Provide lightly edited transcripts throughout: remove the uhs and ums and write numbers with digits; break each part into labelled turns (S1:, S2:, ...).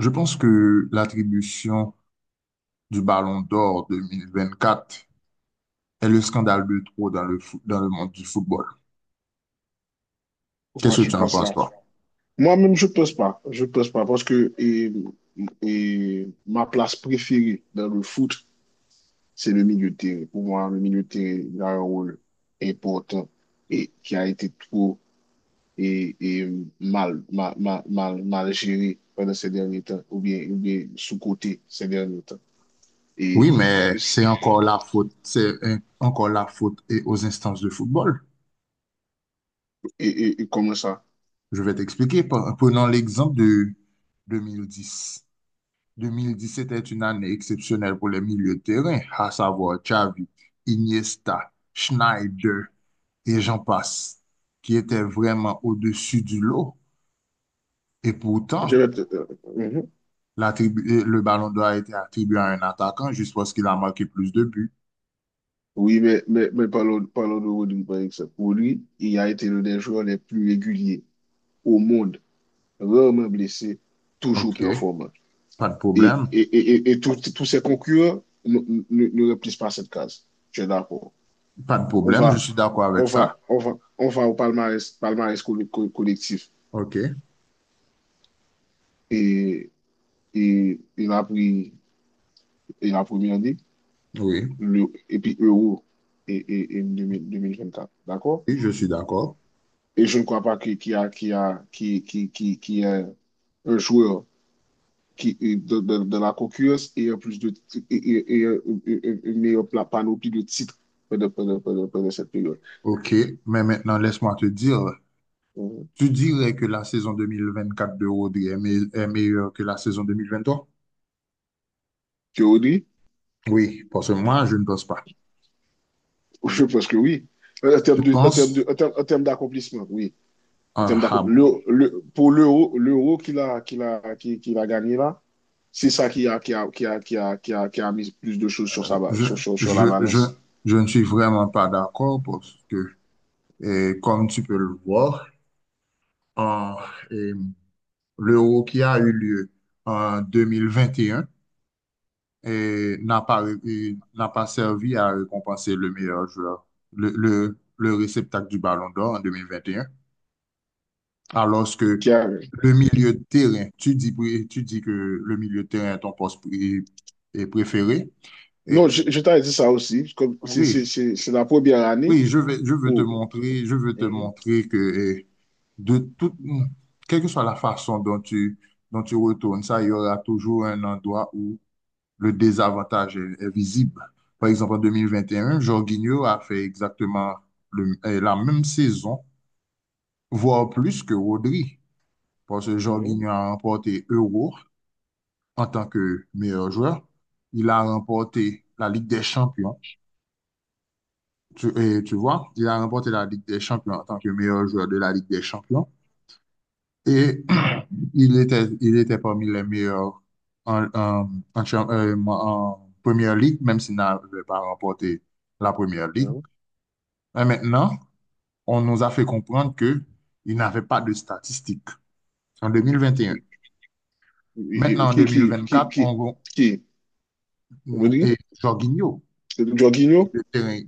S1: Je pense que l'attribution du Ballon d'Or 2024 est le scandale de trop dans le monde du football.
S2: Pourquoi
S1: Qu'est-ce que
S2: je
S1: tu en
S2: pense
S1: penses,
S2: ça?
S1: toi?
S2: Moi-même, je pense pas. Je pense pas parce que ma place préférée dans le foot, c'est le milieu de terrain. Pour moi, le milieu de terrain il a un rôle important et qui a été trop et, et mal, géré pendant ces derniers temps ou bien sous-coté ces derniers temps.
S1: Oui,
S2: Et,
S1: mais
S2: et,
S1: c'est encore la faute, encore la faute et aux instances de football.
S2: et comment ça?
S1: Je vais t'expliquer. Prenons l'exemple de 2010. 2010 était une année exceptionnelle pour les milieux de terrain, à savoir Xavi, Iniesta, Schneider et j'en passe, qui étaient vraiment au-dessus du lot. Et
S2: Je
S1: pourtant,
S2: vais peut-être- euh, mhm.
S1: le ballon d'or a été attribué à un attaquant juste parce qu'il a marqué plus de buts.
S2: Oui, mais parlons, parlons de Rodri, par exemple. Pour lui il a été l'un des joueurs les plus réguliers au monde, rarement blessé, toujours
S1: OK,
S2: performant.
S1: pas de
S2: Et,
S1: problème.
S2: et, et, et tous ces concurrents ne remplissent pas cette case. Je suis d'accord.
S1: Pas de
S2: On
S1: problème, je
S2: va,
S1: suis d'accord
S2: on,
S1: avec ça.
S2: va, on, va, on va au palmarès, palmarès collectif.
S1: OK,
S2: Et, et il a pris et la première année,
S1: oui,
S2: le, et puis Euro et 2000 2024. D'accord?
S1: oui, je suis d'accord.
S2: Et je ne crois pas qu'il y a, qu'il y a, qu'il- qu'il- qu'il- qu'il y a un joueur qui, de la concurrence plus de, ti- et, une meilleure panoplie de titres pendant cette période.
S1: OK, mais maintenant, laisse-moi te dire,
S2: Mhm.
S1: tu dirais que la saison 2024 de Rodri est meilleure que la saison 2023?
S2: Théorie,
S1: Oui, parce que moi, je ne pense pas.
S2: je pense que oui. En
S1: Tu
S2: termes de, en termes de,
S1: penses?
S2: en termes d'accomplissement, oui. En termes
S1: Ah, ah bon.
S2: d'accomplissement, pour l'euro, l'euro qu'il a gagné là, c'est ça qui a, qui a, qui a, qui a, qui a, qui a mis plus de choses sur
S1: Euh, je,
S2: sur la
S1: je, je,
S2: balance.
S1: je ne suis vraiment pas d'accord parce que, comme tu peux le voir, en, l'Euro qui a eu lieu en 2021 et un et n'a pas servi à récompenser le meilleur joueur, le réceptacle du Ballon d'Or en 2021, alors que
S2: Qui a-
S1: le milieu de terrain, tu dis, tu dis que le milieu de terrain est ton poste est préféré. Et
S2: non, je t'avais dit ça aussi. Comme c'est c'est-
S1: oui,
S2: c'est- c'est la première année
S1: oui, je vais, je veux te
S2: où.
S1: montrer, je veux te
S2: Mhm,
S1: montrer que eh, de toute, quelle que soit la façon dont tu retournes ça, il y aura toujours un endroit où le désavantage est visible. Par exemple, en 2021, Jorginho a fait exactement la même saison, voire plus que Rodri, parce que
S2: mhm,
S1: Jorginho a remporté Euro en tant que meilleur joueur. Il a remporté la Ligue des Champions. Et tu vois, il a remporté la Ligue des Champions en tant que meilleur joueur de la Ligue des Champions. Et il était parmi les meilleurs en, en, en, cha- en en première ligue, même s'il n'avait pas remporté la première ligue.
S2: mhm.
S1: Mais maintenant, on nous a fait comprendre que il n'avait pas de statistiques en 2021.
S2: E- e-
S1: Maintenant, en
S2: Qui, qui, qui,
S1: 2024, on
S2: qui,
S1: va-
S2: qui? Vous
S1: nous-
S2: dites?
S1: et Jorginho,
S2: Jorginho?
S1: le terrain-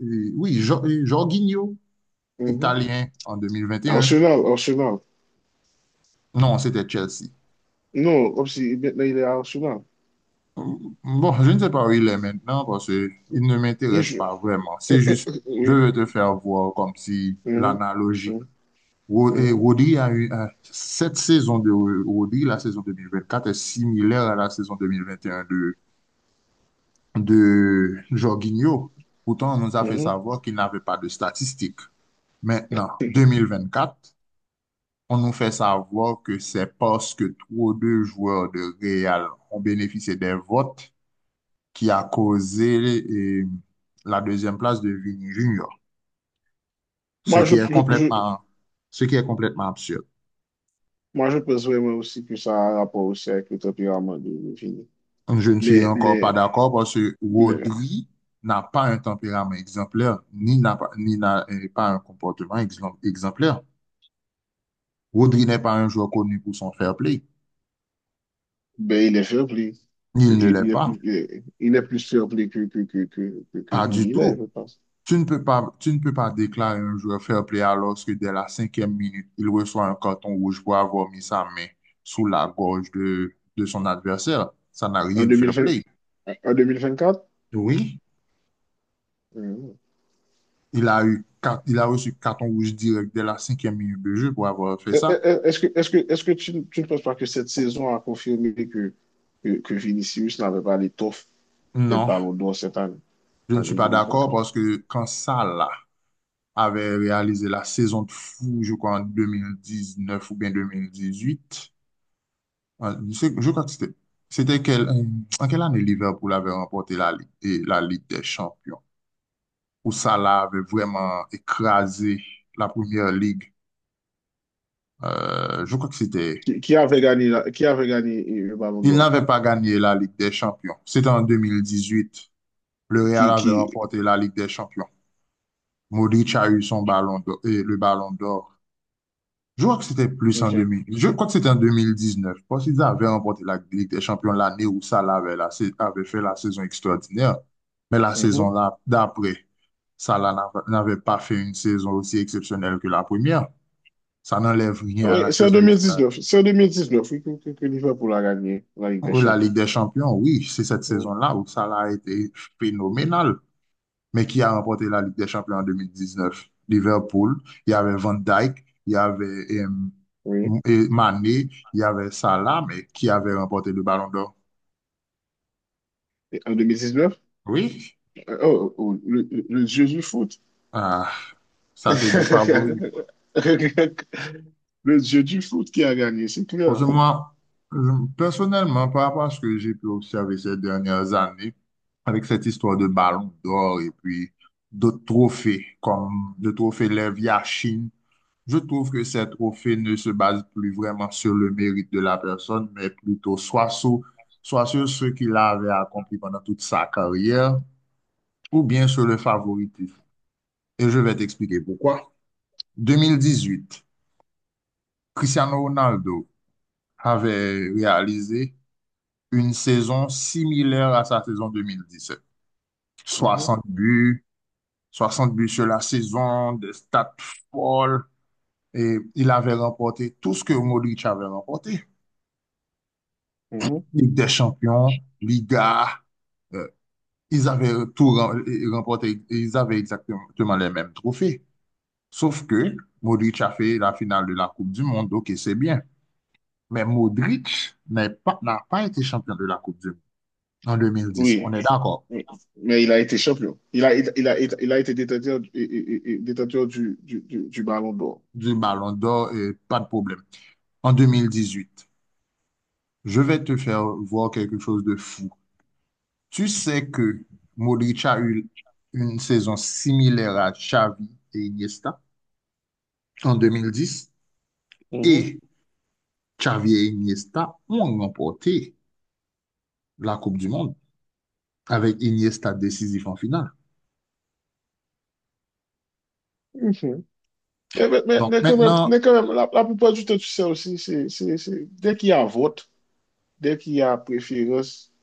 S1: oui, Jorginho,
S2: Mhm.
S1: italien en 2021.
S2: Arsenal, Arsenal.
S1: Non, c'était Chelsea.
S2: Non, comme si maintenant il est à Arsenal.
S1: Bon, je ne sais pas où il est maintenant parce qu'il ne
S2: Il
S1: m'intéresse
S2: joue.
S1: pas vraiment. C'est juste, je
S2: Oui.
S1: veux te faire voir comme si
S2: Mhm.
S1: l'analogie
S2: Mhm. Mhm.
S1: Rodri cette saison de Rodri, la saison 2024 est similaire à la saison 2021 de Jorginho. Pourtant, on nous a fait
S2: Mhm.
S1: savoir qu'il n'avait pas de statistiques. Maintenant, 2024, on nous fait savoir que c'est parce que trop de joueurs de Real ont bénéficié des votes qui a causé la deuxième place de Vini Junior, ce
S2: Moi,
S1: qui
S2: je,
S1: est
S2: je, je-
S1: complètement, ce qui est complètement absurde.
S2: moi, je pense vraiment aussi que ça a un rapport aussi avec le tempérament de Vini.
S1: Je ne suis
S2: Mais,
S1: encore pas
S2: mais,
S1: d'accord parce que
S2: mais,
S1: Rodri n'a pas un tempérament exemplaire, ni n'a pas un comportement exemplaire. Rodri n'est pas un joueur connu pour son fair play.
S2: ben, il est fair play.
S1: Il ne
S2: Il,
S1: l'est
S2: il est
S1: pas.
S2: plus, il est plus fair play que
S1: Pas du
S2: Vini, là, je
S1: tout.
S2: pense.
S1: Tu ne peux pas déclarer un joueur fair play alors que dès la cinquième minute, il reçoit un carton rouge pour avoir mis sa main sous la gorge de son adversaire. Ça n'a
S2: En
S1: rien de fair
S2: 2020
S1: play.
S2: en 2024?
S1: Oui, il a reçu carton rouge direct dès la cinquième minute de jeu pour avoir fait ça.
S2: Est-ce que, est-ce que tu ne penses pas que cette saison a confirmé que, que Vinicius n'avait pas l'étoffe d'être
S1: Non,
S2: Ballon d'Or cette année,
S1: je ne suis
S2: année
S1: pas d'accord
S2: 2024?
S1: parce que quand Salah avait réalisé la saison de fou, je crois en 2019 ou bien 2018, je crois que c'était en quelle année Liverpool avait remporté la Ligue, et la Ligue des Champions, où Salah avait vraiment écrasé la première ligue. Je crois que c'était,
S2: Qui avait gagné, qui avait gagné le Ballon
S1: il
S2: d'Or?
S1: n'avait pas gagné la Ligue des Champions. C'était en 2018. Le Real
S2: Qui,
S1: avait
S2: qui...
S1: remporté la Ligue des Champions. Modric a eu son ballon d'or, et le ballon d'or. Je crois que c'était plus en
S2: Ok.
S1: 2000. Je crois que c'était en 2019. Je pense qu'ils avaient remporté la Ligue des Champions l'année où Salah avait fait la saison extraordinaire. Mais la
S2: Mhm.
S1: saison d'après, Salah n'avait pas fait une saison aussi exceptionnelle que la première. Ça n'enlève rien à
S2: Oui,
S1: la
S2: c'est en
S1: saison extraordinaire.
S2: 2019. C'est en 2019, oui, que Liverpool a gagné la Ligue des
S1: La
S2: Champions.
S1: Ligue des Champions, oui, c'est cette
S2: Oui.
S1: saison-là où Salah a été phénoménal. Mais qui a remporté la Ligue des Champions en 2019? Liverpool, il y avait Van Dijk, il y avait
S2: Oui.
S1: et Mané, il y avait Salah, mais qui avait remporté le Ballon d'Or?
S2: Et en 2019?
S1: Oui.
S2: Oh, le dieu du foot.
S1: Ah, ça c'est du favori.
S2: Le dieu du foot qui a gagné, c'est
S1: Parce que
S2: clair.
S1: moi, personnellement, par rapport à ce que j'ai pu observer ces dernières années, avec cette histoire de Ballon d'Or et puis d'autres trophées, comme le trophée Lev Yachine, je trouve que ces trophées ne se base plus vraiment sur le mérite de la personne, mais plutôt soit sur ce qu'il avait accompli pendant toute sa carrière, ou bien sur le favoritisme. Et je vais t'expliquer pourquoi. 2018, Cristiano Ronaldo avait réalisé une saison similaire à sa saison 2017.
S2: Mhm,
S1: 60 buts, 60 buts sur la saison, des stats folles, et il avait remporté tout ce que Modric avait remporté.
S2: mhm.
S1: Ligue des Champions, Liga, euh, ils avaient tout remporté, ils avaient exactement les mêmes trophées. Sauf que Modric a fait la finale de la Coupe du Monde, ok, c'est bien. Mais Modric n'a pas été champion de la Coupe du Monde en 2010. On
S2: Oui,
S1: est d'accord.
S2: mais il a été champion. Il a été détenteur, détenteur du ballon d'or.
S1: Du Ballon d'Or, pas de problème. En 2018, je vais te faire voir quelque chose de fou. Tu sais que Modric a eu une saison similaire à Xavi et Iniesta en 2010.
S2: Mhm.
S1: Et Xavi et Iniesta ont remporté la Coupe du Monde avec Iniesta décisif en finale.
S2: Mhm.
S1: Donc
S2: Quand même,
S1: maintenant,
S2: mais quand même la plupart du temps, tu sais aussi, dès qu'il y a vote, dès qu'il y a préférence,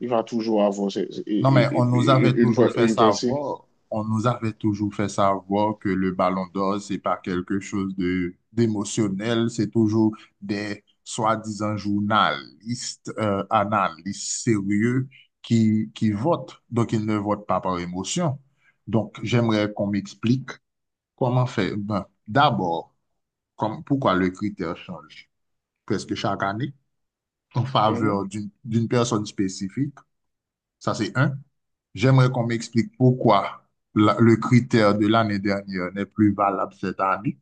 S2: il va toujours avoir
S1: non mais on nous avait
S2: une,
S1: toujours fait
S2: une pensée.
S1: savoir, on nous avait toujours fait savoir que le Ballon d'Or, c'est pas quelque chose de d'émotionnel, c'est toujours des soi-disant journalistes, analystes sérieux qui votent. Donc ils ne votent pas par émotion. Donc j'aimerais qu'on m'explique comment faire. Ben, d'abord, pourquoi le critère change presque chaque année en
S2: Mhm.
S1: faveur d'une personne spécifique? Ça, c'est un. J'aimerais qu'on m'explique pourquoi le critère de l'année dernière n'est plus valable cette année.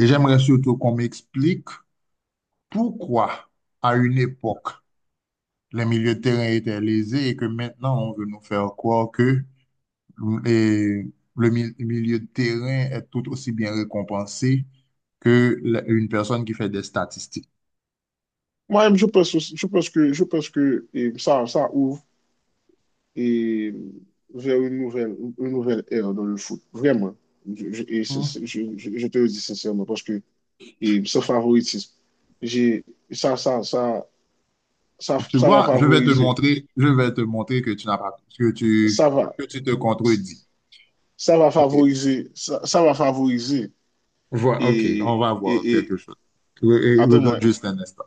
S1: Et j'aimerais surtout qu'on m'explique pourquoi, à une époque, les milieux de terrain étaient lésés et que maintenant, on veut nous faire croire que les- milieu de terrain est tout aussi bien récompensé que une personne qui fait des statistiques.
S2: Moi-même, je pense que ça, ça ouvre. Et vers une nouvelle ère dans le foot. Vraiment. Je te le dis sincèrement parce que ce favoritisme, j'ai, ça, ça, ça,
S1: Tu
S2: ça va
S1: vois, je vais te
S2: favoriser,
S1: montrer, je vais te montrer que tu n'as pas,
S2: ça va,
S1: que tu te contredis.
S2: ça va
S1: Ok.
S2: favoriser, ça va favoriser.
S1: Ok. On
S2: Et,
S1: va voir
S2: et,
S1: quelque
S2: et
S1: chose. Regarde
S2: attends-moi,
S1: juste un instant.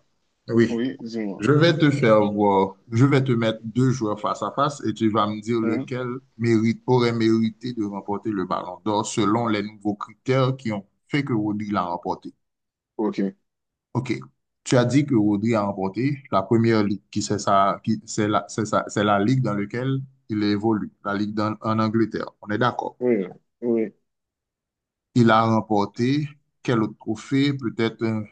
S1: Oui.
S2: oui, dis-moi.
S1: Je vais te
S2: Oui.
S1: faire voir, je vais te mettre deux joueurs face à face et tu vas me dire
S2: Hein?
S1: lequel mérite, aurait mérité de remporter le ballon d'or selon les nouveaux critères qui ont fait que Rodri l'a remporté.
S2: Ok,
S1: OK. Tu as dit que Rodri a remporté la première ligue, qui c'est ça, qui c'est la, c'est ça- c'est la ligue dans laquelle il évolue, en Angleterre. On est d'accord.
S2: oui, oui.
S1: Il a remporté quel autre trophée? Peut-être un,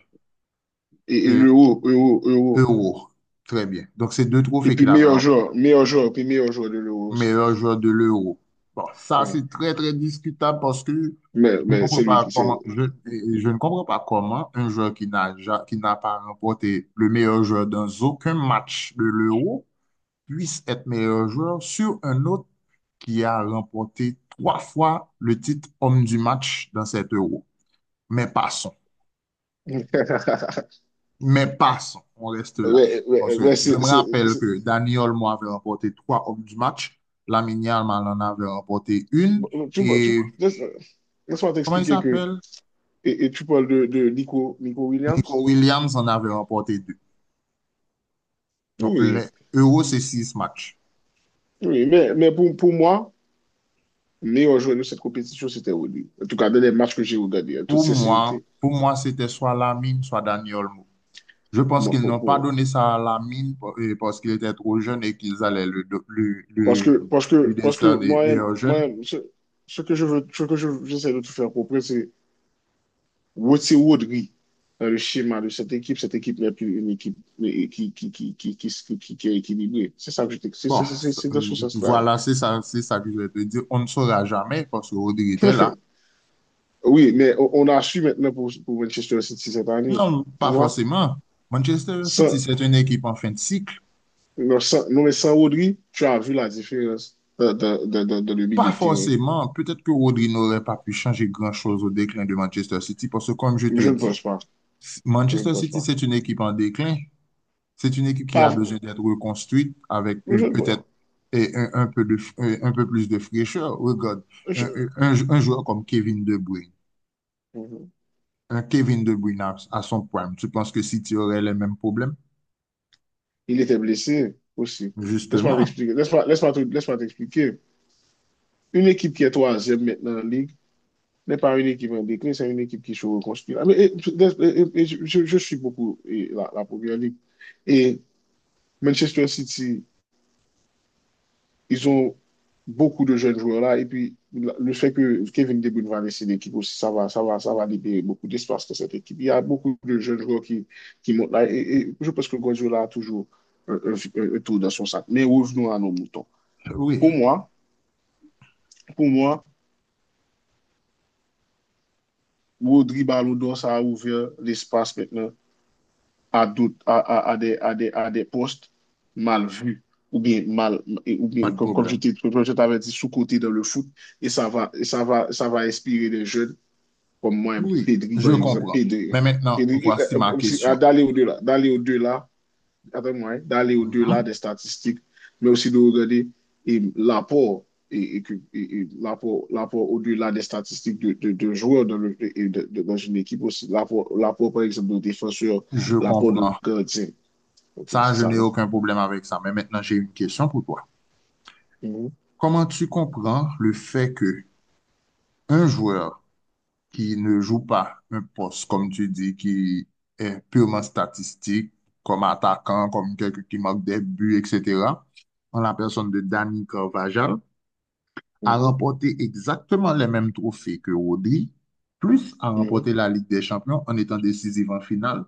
S2: Et
S1: un
S2: l'euro, euro.
S1: Euro. Très bien. Donc, c'est deux
S2: Et
S1: trophées
S2: puis
S1: qu'il avait
S2: meilleur
S1: remporté.
S2: joueur, puis meilleur joueur de l'euro aussi.
S1: Meilleur joueur de l'Euro. Bon, ça,
S2: Oui.
S1: c'est très, très discutable parce que je ne
S2: Mais
S1: comprends
S2: c'est lui
S1: pas
S2: qui c'est
S1: comment, je, je ne comprends pas comment un joueur qui n'a pas remporté le meilleur joueur dans aucun match de l'Euro puisse être meilleur joueur sur un autre qui a remporté trois fois le titre homme du match dans cet euro. Mais passons. Mais passons. On reste là.
S2: Ouais,
S1: Parce
S2: ouais,
S1: que
S2: ouais,
S1: je me rappelle que Dani Olmo avait remporté trois hommes du match. Lamine Yamal en avait remporté une. Et
S2: Laisse- laisse-moi
S1: comment il
S2: t'expliquer que.
S1: s'appelle?
S2: Et tu parles de Nico, Nico Williams?
S1: Nico Williams en avait remporté deux. Donc,
S2: Oui,
S1: l'euro, c'est six matchs.
S2: oui, mais pour moi, le meilleur joueur de cette compétition, c'était Rudy. En tout cas, dans les matchs que j'ai regardés, en toute sincérité.
S1: Pour moi, c'était soit Lamine, soit Dani Olmo. Je pense
S2: Moi,
S1: qu'ils
S2: bon,
S1: n'ont pas
S2: bon.
S1: donné ça à la mine parce qu'il était trop jeune et qu'ils allaient le, do-
S2: Parce
S1: le-
S2: que, parce
S1: lui
S2: que, parce que
S1: décerner
S2: moi-même,
S1: meilleur jeune.
S2: ce que je veux, j'essaie de tout faire comprendre, c'est Wotsé Rodri dans le schéma de cette équipe n'est plus une équipe qui est équilibrée. C'est ça que je te.
S1: Bon,
S2: C'est dans ce sens-là.
S1: voilà, c'est ça que je vais te dire. On ne saura jamais parce que Rodri était là.
S2: Oui, mais on a su maintenant pour Manchester City cette année.
S1: Non,
S2: Tu
S1: pas
S2: vois?
S1: forcément. Manchester City,
S2: Sans,
S1: c'est une équipe en fin de cycle.
S2: non, non, mais sans Rodri, tu as vu la différence dans le
S1: Pas
S2: milieu de terrain.
S1: forcément. Peut-être que Rodri n'aurait pas pu changer grand-chose au déclin de Manchester City parce que, comme je te
S2: Je ne
S1: dis,
S2: pense pas. Je ne
S1: Manchester
S2: pense
S1: City,
S2: pas.
S1: c'est une équipe en déclin. C'est une équipe qui a
S2: Pas-
S1: besoin d'être reconstruite avec
S2: je
S1: une
S2: ne
S1: peut-être
S2: pense-
S1: et un, un peu de, un peu plus de fraîcheur. Regarde,
S2: je-
S1: un, un joueur comme Kevin De Bruyne,
S2: Mhm.
S1: un Kevin De Bruyne à son prime, tu penses que City aurait les mêmes problèmes?
S2: Il était blessé aussi. Laisse-moi
S1: Justement.
S2: t'expliquer. Laisse-moi, laisse-moi t'expliquer. Une équipe qui est troisième maintenant en Ligue, n'est pas une équipe en déclin, c'est une équipe qui se reconstruit. Ah, mais, je suis beaucoup la Première Ligue. Et Manchester City, ils ont beaucoup de jeunes joueurs là. Et puis, le fait que Kevin De Bruyne va laisser l'équipe aussi, ça va libérer beaucoup d'espace dans cette équipe. Il y a beaucoup de jeunes joueurs qui montent là. Et je pense que Guardiola a toujours un, un- un tour dans son sac. Mais revenons à nos moutons.
S1: Oui,
S2: Pour moi, pour moi, Rodri Ballon d'Or, ça a ouvert l'espace maintenant à, doute, à des postes mal vus ou bien mal ou
S1: pas
S2: bien
S1: de
S2: comme,
S1: problème.
S2: comme je t'avais dit sous-côté dans le foot et ça va, ça va inspirer des jeunes comme moi,
S1: Oui,
S2: Pedri
S1: je
S2: par exemple.
S1: comprends.
S2: Pedri,
S1: Mais maintenant, voici ma
S2: À
S1: question.
S2: d'aller au-delà, avec moi, d'aller au-delà
S1: Mhm.
S2: des statistiques, mais aussi de regarder l'apport et l'apport, l'apport au-delà des statistiques de joueurs dans, dans une équipe aussi. L'apport, l'apport, par exemple, de défenseurs,
S1: Je
S2: l'apport de
S1: comprends.
S2: gardien. OK,
S1: Ça,
S2: c'est
S1: je
S2: ça,
S1: n'ai
S2: hein?
S1: aucun problème avec ça. Mais maintenant, j'ai une question pour toi.
S2: Mhm,
S1: Comment tu comprends le fait que un joueur qui ne joue pas un poste, comme tu dis, qui est purement statistique, comme attaquant, comme quelqu'un qui marque des buts, etc., en la personne de Dani Carvajal, a
S2: mhm,
S1: remporté exactement les mêmes trophées que Rodri, plus a
S2: mhm.
S1: remporté la Ligue des Champions en étant décisif en finale